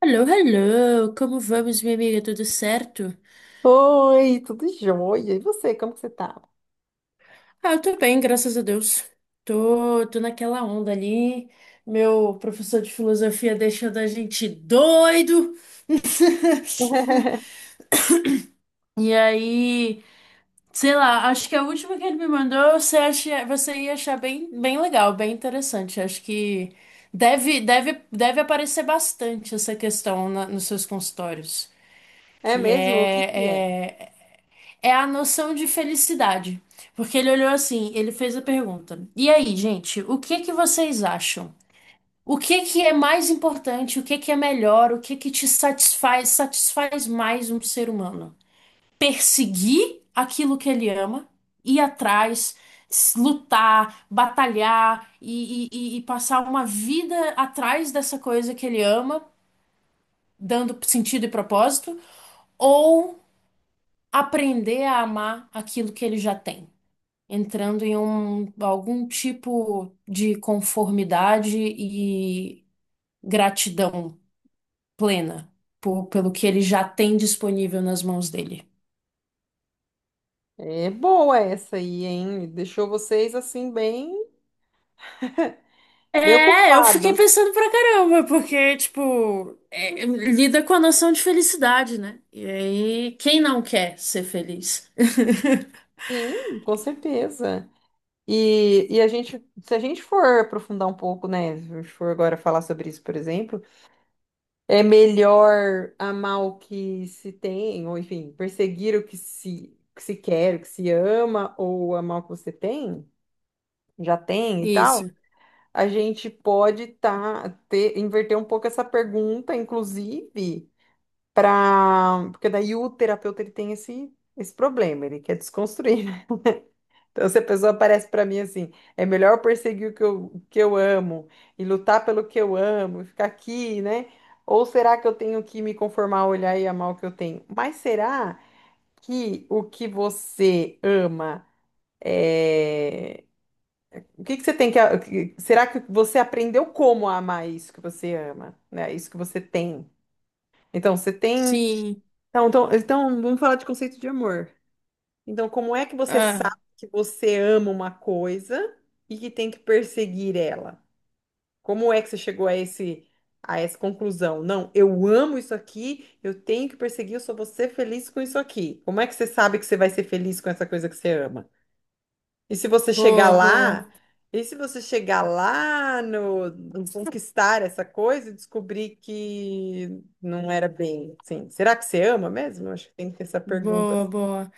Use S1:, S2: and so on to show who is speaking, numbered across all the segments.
S1: Hello, hello! Como vamos, minha amiga? Tudo certo?
S2: Oi, tudo jóia. E você, como que você tá?
S1: Ah, eu tô bem, graças a Deus. Tô naquela onda ali. Meu professor de filosofia deixando a gente doido. E aí, sei lá, acho que a última que ele me mandou, você ia achar bem legal, bem interessante. Acho que deve aparecer bastante essa questão nos seus consultórios,
S2: É
S1: que
S2: mesmo? O que que é?
S1: é é a noção de felicidade. Porque ele olhou assim, ele fez a pergunta. E aí, gente, o que que vocês acham? O que que é mais importante? O que que é melhor? O que que te satisfaz, satisfaz mais um ser humano? Perseguir aquilo que ele ama, ir atrás, lutar, batalhar e passar uma vida atrás dessa coisa que ele ama, dando sentido e propósito, ou aprender a amar aquilo que ele já tem? Entrando em algum tipo de conformidade e gratidão plena pelo que ele já tem disponível nas mãos dele.
S2: É boa essa aí, hein? Deixou vocês assim bem
S1: É, eu fiquei
S2: ocupados.
S1: pensando pra caramba, porque, tipo, é, lida com a noção de felicidade, né? E aí, quem não quer ser feliz?
S2: Sim, com certeza. E a gente, se a gente for aprofundar um pouco, né? Se a gente for agora falar sobre isso, por exemplo, é melhor amar o que se tem, ou enfim, perseguir o que se quer, o que se ama, ou amar o que você tem, já tem e tal.
S1: Isso.
S2: A gente pode inverter um pouco essa pergunta, inclusive, para. Porque daí o terapeuta ele tem esse problema, ele quer desconstruir, né? Então, se a pessoa aparece para mim assim, é melhor perseguir o que eu amo e lutar pelo que eu amo, e ficar aqui, né? Ou será que eu tenho que me conformar, olhar e amar o que eu tenho? Mas será que o que você ama eh, o que que você tem que. Será que você aprendeu como a amar isso que você ama, né? Isso que você tem. Então, você tem.
S1: Sim.
S2: Então, vamos falar de conceito de amor. Então, como é que você sabe
S1: Ah,
S2: que você ama uma coisa e que tem que perseguir ela? Como é que você chegou a a essa conclusão? Não, eu amo isso aqui, eu tenho que perseguir, eu só vou ser feliz com isso aqui. Como é que você sabe que você vai ser feliz com essa coisa que você ama? E se você chegar
S1: boa, boa.
S2: lá, e se você chegar lá, no conquistar essa coisa e descobrir que não era bem assim, será que você ama mesmo? Acho que tem que ter essa pergunta assim.
S1: Boa, boa.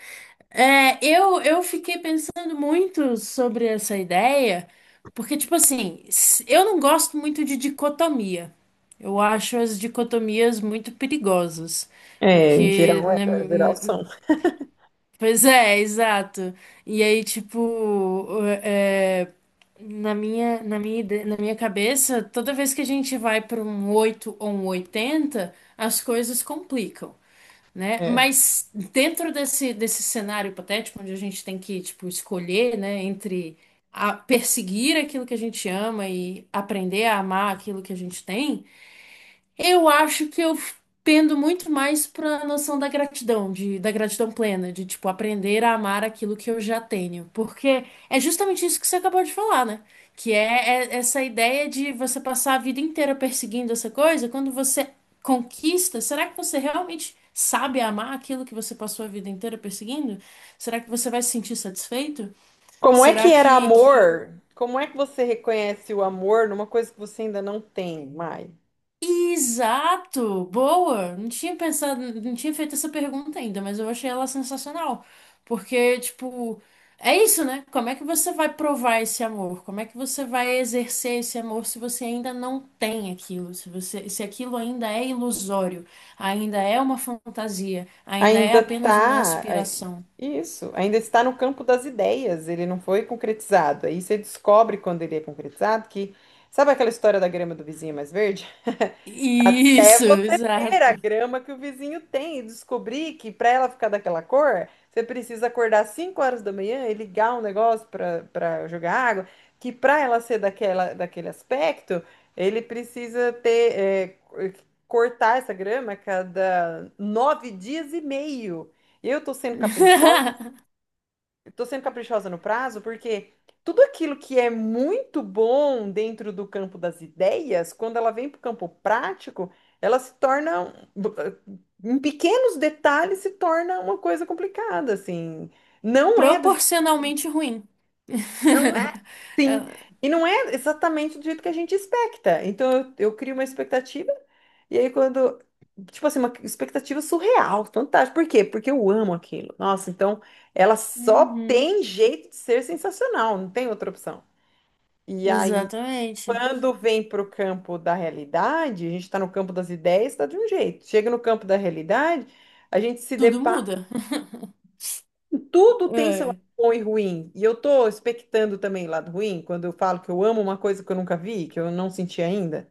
S1: É, eu fiquei pensando muito sobre essa ideia, porque, tipo assim, eu não gosto muito de dicotomia. Eu acho as dicotomias muito perigosas, porque, né,
S2: Em geral são.
S1: pois é, exato. E aí, tipo, é, na minha cabeça, toda vez que a gente vai para um 8 ou um 80 as coisas complicam, né?
S2: É.
S1: Mas dentro desse, desse cenário hipotético, onde a gente tem que, tipo, escolher, né, entre perseguir aquilo que a gente ama e aprender a amar aquilo que a gente tem, eu acho que eu pendo muito mais para a noção da gratidão, de, da gratidão plena, de tipo aprender a amar aquilo que eu já tenho, porque é justamente isso que você acabou de falar, né? Que é, é essa ideia de você passar a vida inteira perseguindo essa coisa, quando você conquista, será que você realmente sabe amar aquilo que você passou a vida inteira perseguindo? Será que você vai se sentir satisfeito?
S2: Como é
S1: Será
S2: que era
S1: que que
S2: amor? Como é que você reconhece o amor numa coisa que você ainda não tem mais?
S1: exato! Boa! Não tinha pensado, não tinha feito essa pergunta ainda, mas eu achei ela sensacional. Porque, tipo, é isso, né? Como é que você vai provar esse amor? Como é que você vai exercer esse amor se você ainda não tem aquilo? Se você, se aquilo ainda é ilusório, ainda é uma fantasia, ainda é
S2: Ainda
S1: apenas uma
S2: está.
S1: aspiração.
S2: Isso, ainda está no campo das ideias, ele não foi concretizado. Aí você descobre quando ele é concretizado que. Sabe aquela história da grama do vizinho é mais verde? Até
S1: Isso,
S2: você ter
S1: exato.
S2: a grama que o vizinho tem e descobrir que para ela ficar daquela cor, você precisa acordar 5 horas da manhã e ligar um negócio para jogar água, que para ela ser daquele aspecto, ele precisa ter cortar essa grama a cada 9 dias e meio. Eu tô sendo caprichosa. Tô sendo caprichosa no prazo porque tudo aquilo que é muito bom dentro do campo das ideias, quando ela vem para o campo prático, ela se torna, um- em pequenos detalhes, se torna uma coisa complicada, assim. Não é do,
S1: Proporcionalmente ruim.
S2: não Sim,
S1: É,
S2: e não é exatamente do jeito que a gente expecta. Eu crio uma expectativa, e aí quando. Tipo assim, uma expectativa surreal, fantástica. Por quê? Porque eu amo aquilo. Nossa, então ela só
S1: uhum,
S2: tem jeito de ser sensacional, não tem outra opção. E aí,
S1: exatamente.
S2: quando vem para o campo da realidade, a gente está no campo das ideias, tá de um jeito. Chega no campo da realidade, a gente se
S1: Tudo
S2: depara.
S1: muda.
S2: Tudo tem seu lado
S1: É,
S2: bom e ruim. E eu tô expectando também lado ruim, quando eu falo que eu amo uma coisa que eu nunca vi, que eu não senti ainda.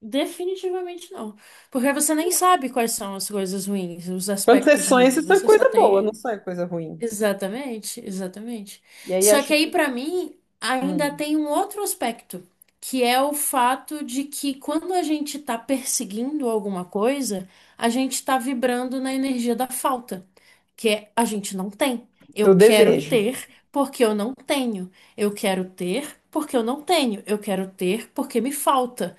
S1: definitivamente não. Porque você nem sabe quais são as coisas ruins, os
S2: Quando
S1: aspectos
S2: você
S1: ruins.
S2: sonha
S1: Você só
S2: coisa boa, não
S1: tem.
S2: sonha coisa ruim.
S1: Exatamente, exatamente.
S2: E aí
S1: Só
S2: acho
S1: que
S2: que.
S1: aí, pra mim, ainda
S2: Hum,
S1: tem um outro aspecto, que é o fato de que quando a gente tá perseguindo alguma coisa, a gente tá vibrando na energia da falta. Que é a gente não tem. Eu
S2: do
S1: quero
S2: desejo.
S1: ter porque eu não tenho. Eu quero ter porque eu não tenho. Eu quero ter porque me falta.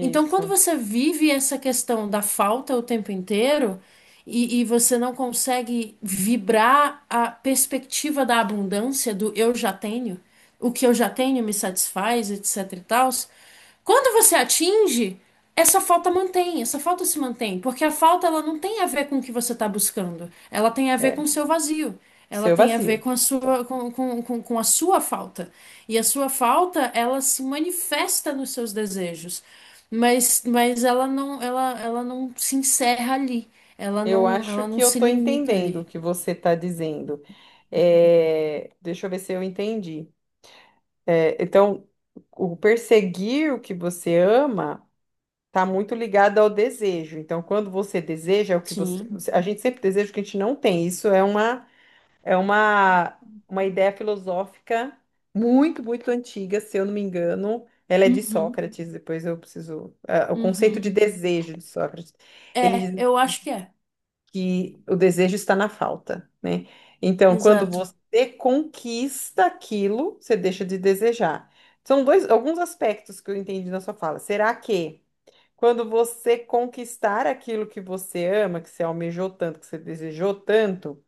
S1: Então, quando você vive essa questão da falta o tempo inteiro e você não consegue vibrar a perspectiva da abundância, do eu já tenho, o que eu já tenho me satisfaz, etc e tal, quando você atinge. Essa falta mantém, essa falta se mantém, porque a falta ela não tem a ver com o que você está buscando, ela tem a ver com
S2: É.
S1: o seu vazio, ela
S2: Seu
S1: tem a ver
S2: vazio.
S1: com a sua, com a sua falta. E a sua falta, ela se manifesta nos seus desejos, mas ela não, ela não se encerra ali,
S2: Eu acho
S1: ela
S2: que
S1: não
S2: eu
S1: se
S2: tô
S1: limita
S2: entendendo o
S1: ali.
S2: que você tá dizendo. É, deixa eu ver se eu entendi. É, então, o perseguir o que você ama. Tá muito ligada ao desejo. Então, quando você deseja, é o que você,
S1: Sim.
S2: você- a gente sempre deseja o que a gente não tem. Isso é uma ideia filosófica muito antiga, se eu não me engano. Ela é de
S1: Uhum,
S2: Sócrates, depois eu preciso. É, o conceito
S1: uhum.
S2: de desejo de Sócrates. Ele
S1: É,
S2: diz
S1: eu acho que é.
S2: que o desejo está na falta, né? Então, quando
S1: Exato.
S2: você conquista aquilo, você deixa de desejar. Alguns aspectos que eu entendi na sua fala. Será que quando você conquistar aquilo que você ama, que você almejou tanto, que você desejou tanto,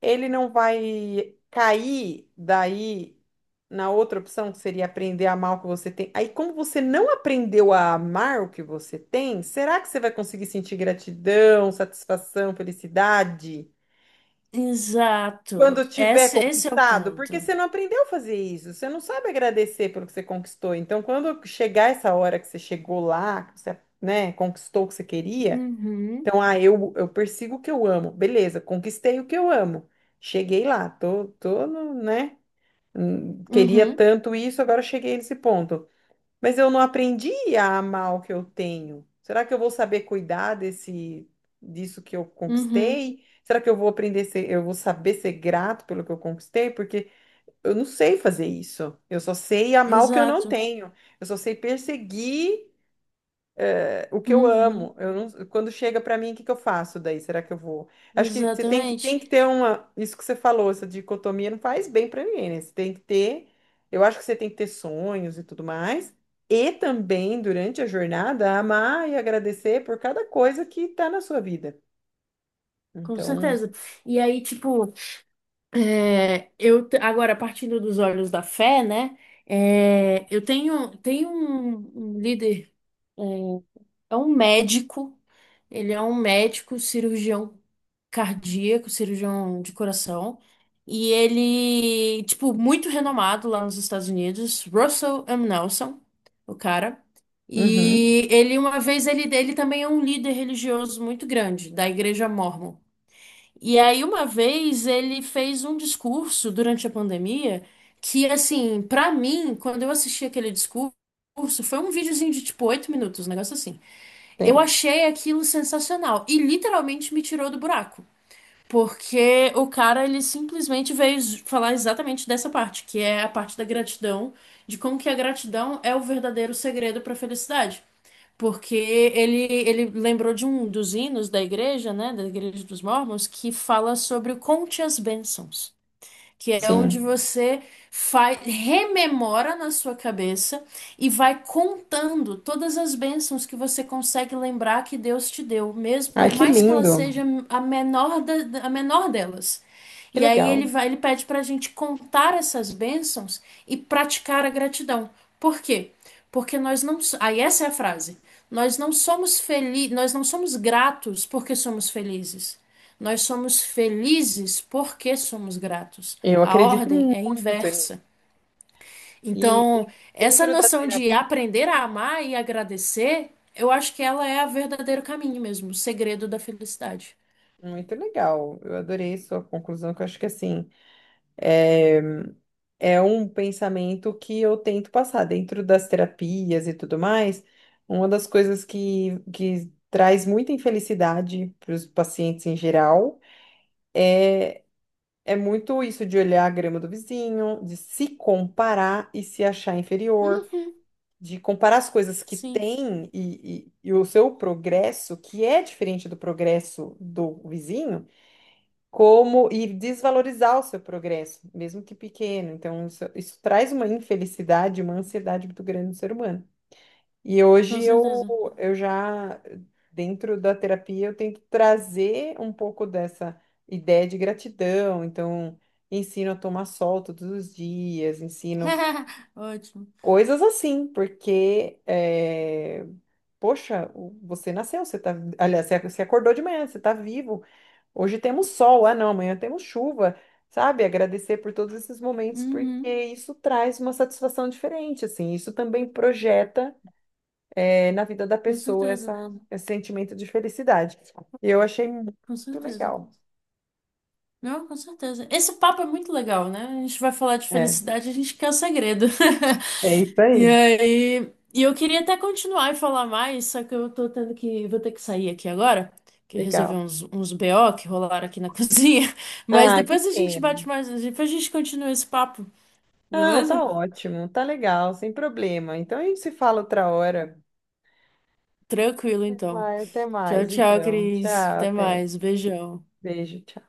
S2: ele não vai cair daí na outra opção, que seria aprender a amar o que você tem. Aí, como você não aprendeu a amar o que você tem, será que você vai conseguir sentir gratidão, satisfação, felicidade? Quando
S1: Exato.
S2: tiver
S1: Esse é o
S2: conquistado, porque
S1: ponto.
S2: você não aprendeu a fazer isso, você não sabe agradecer pelo que você conquistou. Então, quando chegar essa hora que você chegou lá, que você, né, conquistou o que você queria,
S1: Uhum.
S2: então, eu persigo o que eu amo. Beleza, conquistei o que eu amo. Cheguei lá, tô no, né? Queria
S1: Uhum,
S2: tanto isso, agora cheguei nesse ponto. Mas eu não aprendi a amar o que eu tenho. Será que eu vou saber cuidar desse, disso que eu
S1: uhum,
S2: conquistei? Será que eu vou eu vou saber ser grato pelo que eu conquistei? Porque eu não sei fazer isso. Eu só sei amar o que eu não
S1: exato.
S2: tenho. Eu só sei perseguir o que eu
S1: Uhum,
S2: amo, eu não- quando chega pra mim, o que que eu faço daí? Será que eu vou? Acho que você tem
S1: exatamente.
S2: que ter uma, isso que você falou, essa dicotomia não faz bem pra ninguém, né? Você tem que ter, eu acho que você tem que ter sonhos e tudo mais, e também durante a jornada amar e agradecer por cada coisa que tá na sua vida.
S1: Com
S2: Então,
S1: certeza. E aí, tipo, é, agora partindo dos olhos da fé, né? É, tenho um, um líder. eh, É um médico, ele é um médico cirurgião cardíaco, cirurgião de coração, e ele, tipo, muito renomado lá nos Estados Unidos, Russell M. Nelson, o cara.
S2: uhum,
S1: E ele, uma vez, ele também é um líder religioso muito grande, da Igreja Mórmon. E aí, uma vez, ele fez um discurso durante a pandemia que, assim, pra mim, quando eu assisti aquele discurso, foi um videozinho de, tipo, oito minutos, um negócio assim. Eu
S2: tem,
S1: achei aquilo sensacional e literalmente me tirou do buraco. Porque o cara, ele simplesmente veio falar exatamente dessa parte, que é a parte da gratidão, de como que a gratidão é o verdadeiro segredo para a felicidade. Porque ele lembrou de um dos hinos da igreja, né, da igreja dos Mormons, que fala sobre o conte as bênçãos, que é onde
S2: sim.
S1: você faz, rememora na sua cabeça e vai contando todas as bênçãos que você consegue lembrar que Deus te deu, mesmo
S2: Ai,
S1: por
S2: que
S1: mais que ela
S2: lindo,
S1: seja a menor delas.
S2: que
S1: E aí ele
S2: legal.
S1: vai, ele pede para a gente contar essas bênçãos e praticar a gratidão. Por quê? Porque nós não, so- aí essa é a frase. Nós não somos felizes, nós não somos gratos porque somos felizes. Nós somos felizes porque somos gratos.
S2: Eu
S1: A
S2: acredito
S1: ordem é
S2: muito, Ani.
S1: inversa.
S2: E
S1: Então, essa
S2: dentro da
S1: noção
S2: terapia.
S1: de aprender a amar e agradecer, eu acho que ela é o verdadeiro caminho mesmo, o segredo da felicidade.
S2: Muito legal. Eu adorei sua conclusão, que eu acho que assim, é um pensamento que eu tento passar dentro das terapias e tudo mais. Uma das coisas que traz muita infelicidade para os pacientes em geral é muito isso de olhar a grama do vizinho, de se comparar e se achar inferior,
S1: Uhum,
S2: de comparar as coisas que
S1: sim,
S2: tem e o seu progresso, que é diferente do progresso do vizinho como e desvalorizar o seu progresso, mesmo que pequeno. Então, isso traz uma infelicidade, uma ansiedade muito grande no ser humano. E hoje
S1: com
S2: eu,
S1: certeza.
S2: eu já, dentro da terapia, eu tento trazer um pouco dessa ideia de gratidão. Então, ensino a tomar sol todos os dias, ensino
S1: Ótimo.
S2: coisas assim, porque, poxa, você nasceu, você tá, aliás, você acordou de manhã, você está vivo. Hoje temos sol, ah não, amanhã temos chuva, sabe? Agradecer por todos esses momentos, porque
S1: Uhum,
S2: isso traz uma satisfação diferente, assim. Isso também projeta, na vida da
S1: com
S2: pessoa
S1: certeza,
S2: esse sentimento de felicidade. E eu achei muito
S1: com certeza.
S2: legal.
S1: Não, com certeza. Esse papo é muito legal, né? A gente vai falar de
S2: É,
S1: felicidade, a gente quer o segredo.
S2: é isso
S1: E
S2: aí.
S1: aí, e eu queria até continuar e falar mais, só que eu tô tendo que, vou ter que sair aqui agora, que é resolver
S2: Legal.
S1: uns, uns BO que rolaram aqui na cozinha. Mas
S2: Ah, que
S1: depois a gente bate
S2: pena.
S1: mais, depois a gente continua esse papo,
S2: Não,
S1: beleza?
S2: tá ótimo, tá legal, sem problema. Então a gente se fala outra hora.
S1: Tranquilo, então.
S2: Vai, até
S1: Tchau,
S2: mais,
S1: tchau,
S2: então. Tchau,
S1: Cris. Até
S2: até.
S1: mais. Beijão.
S2: Beijo, tchau.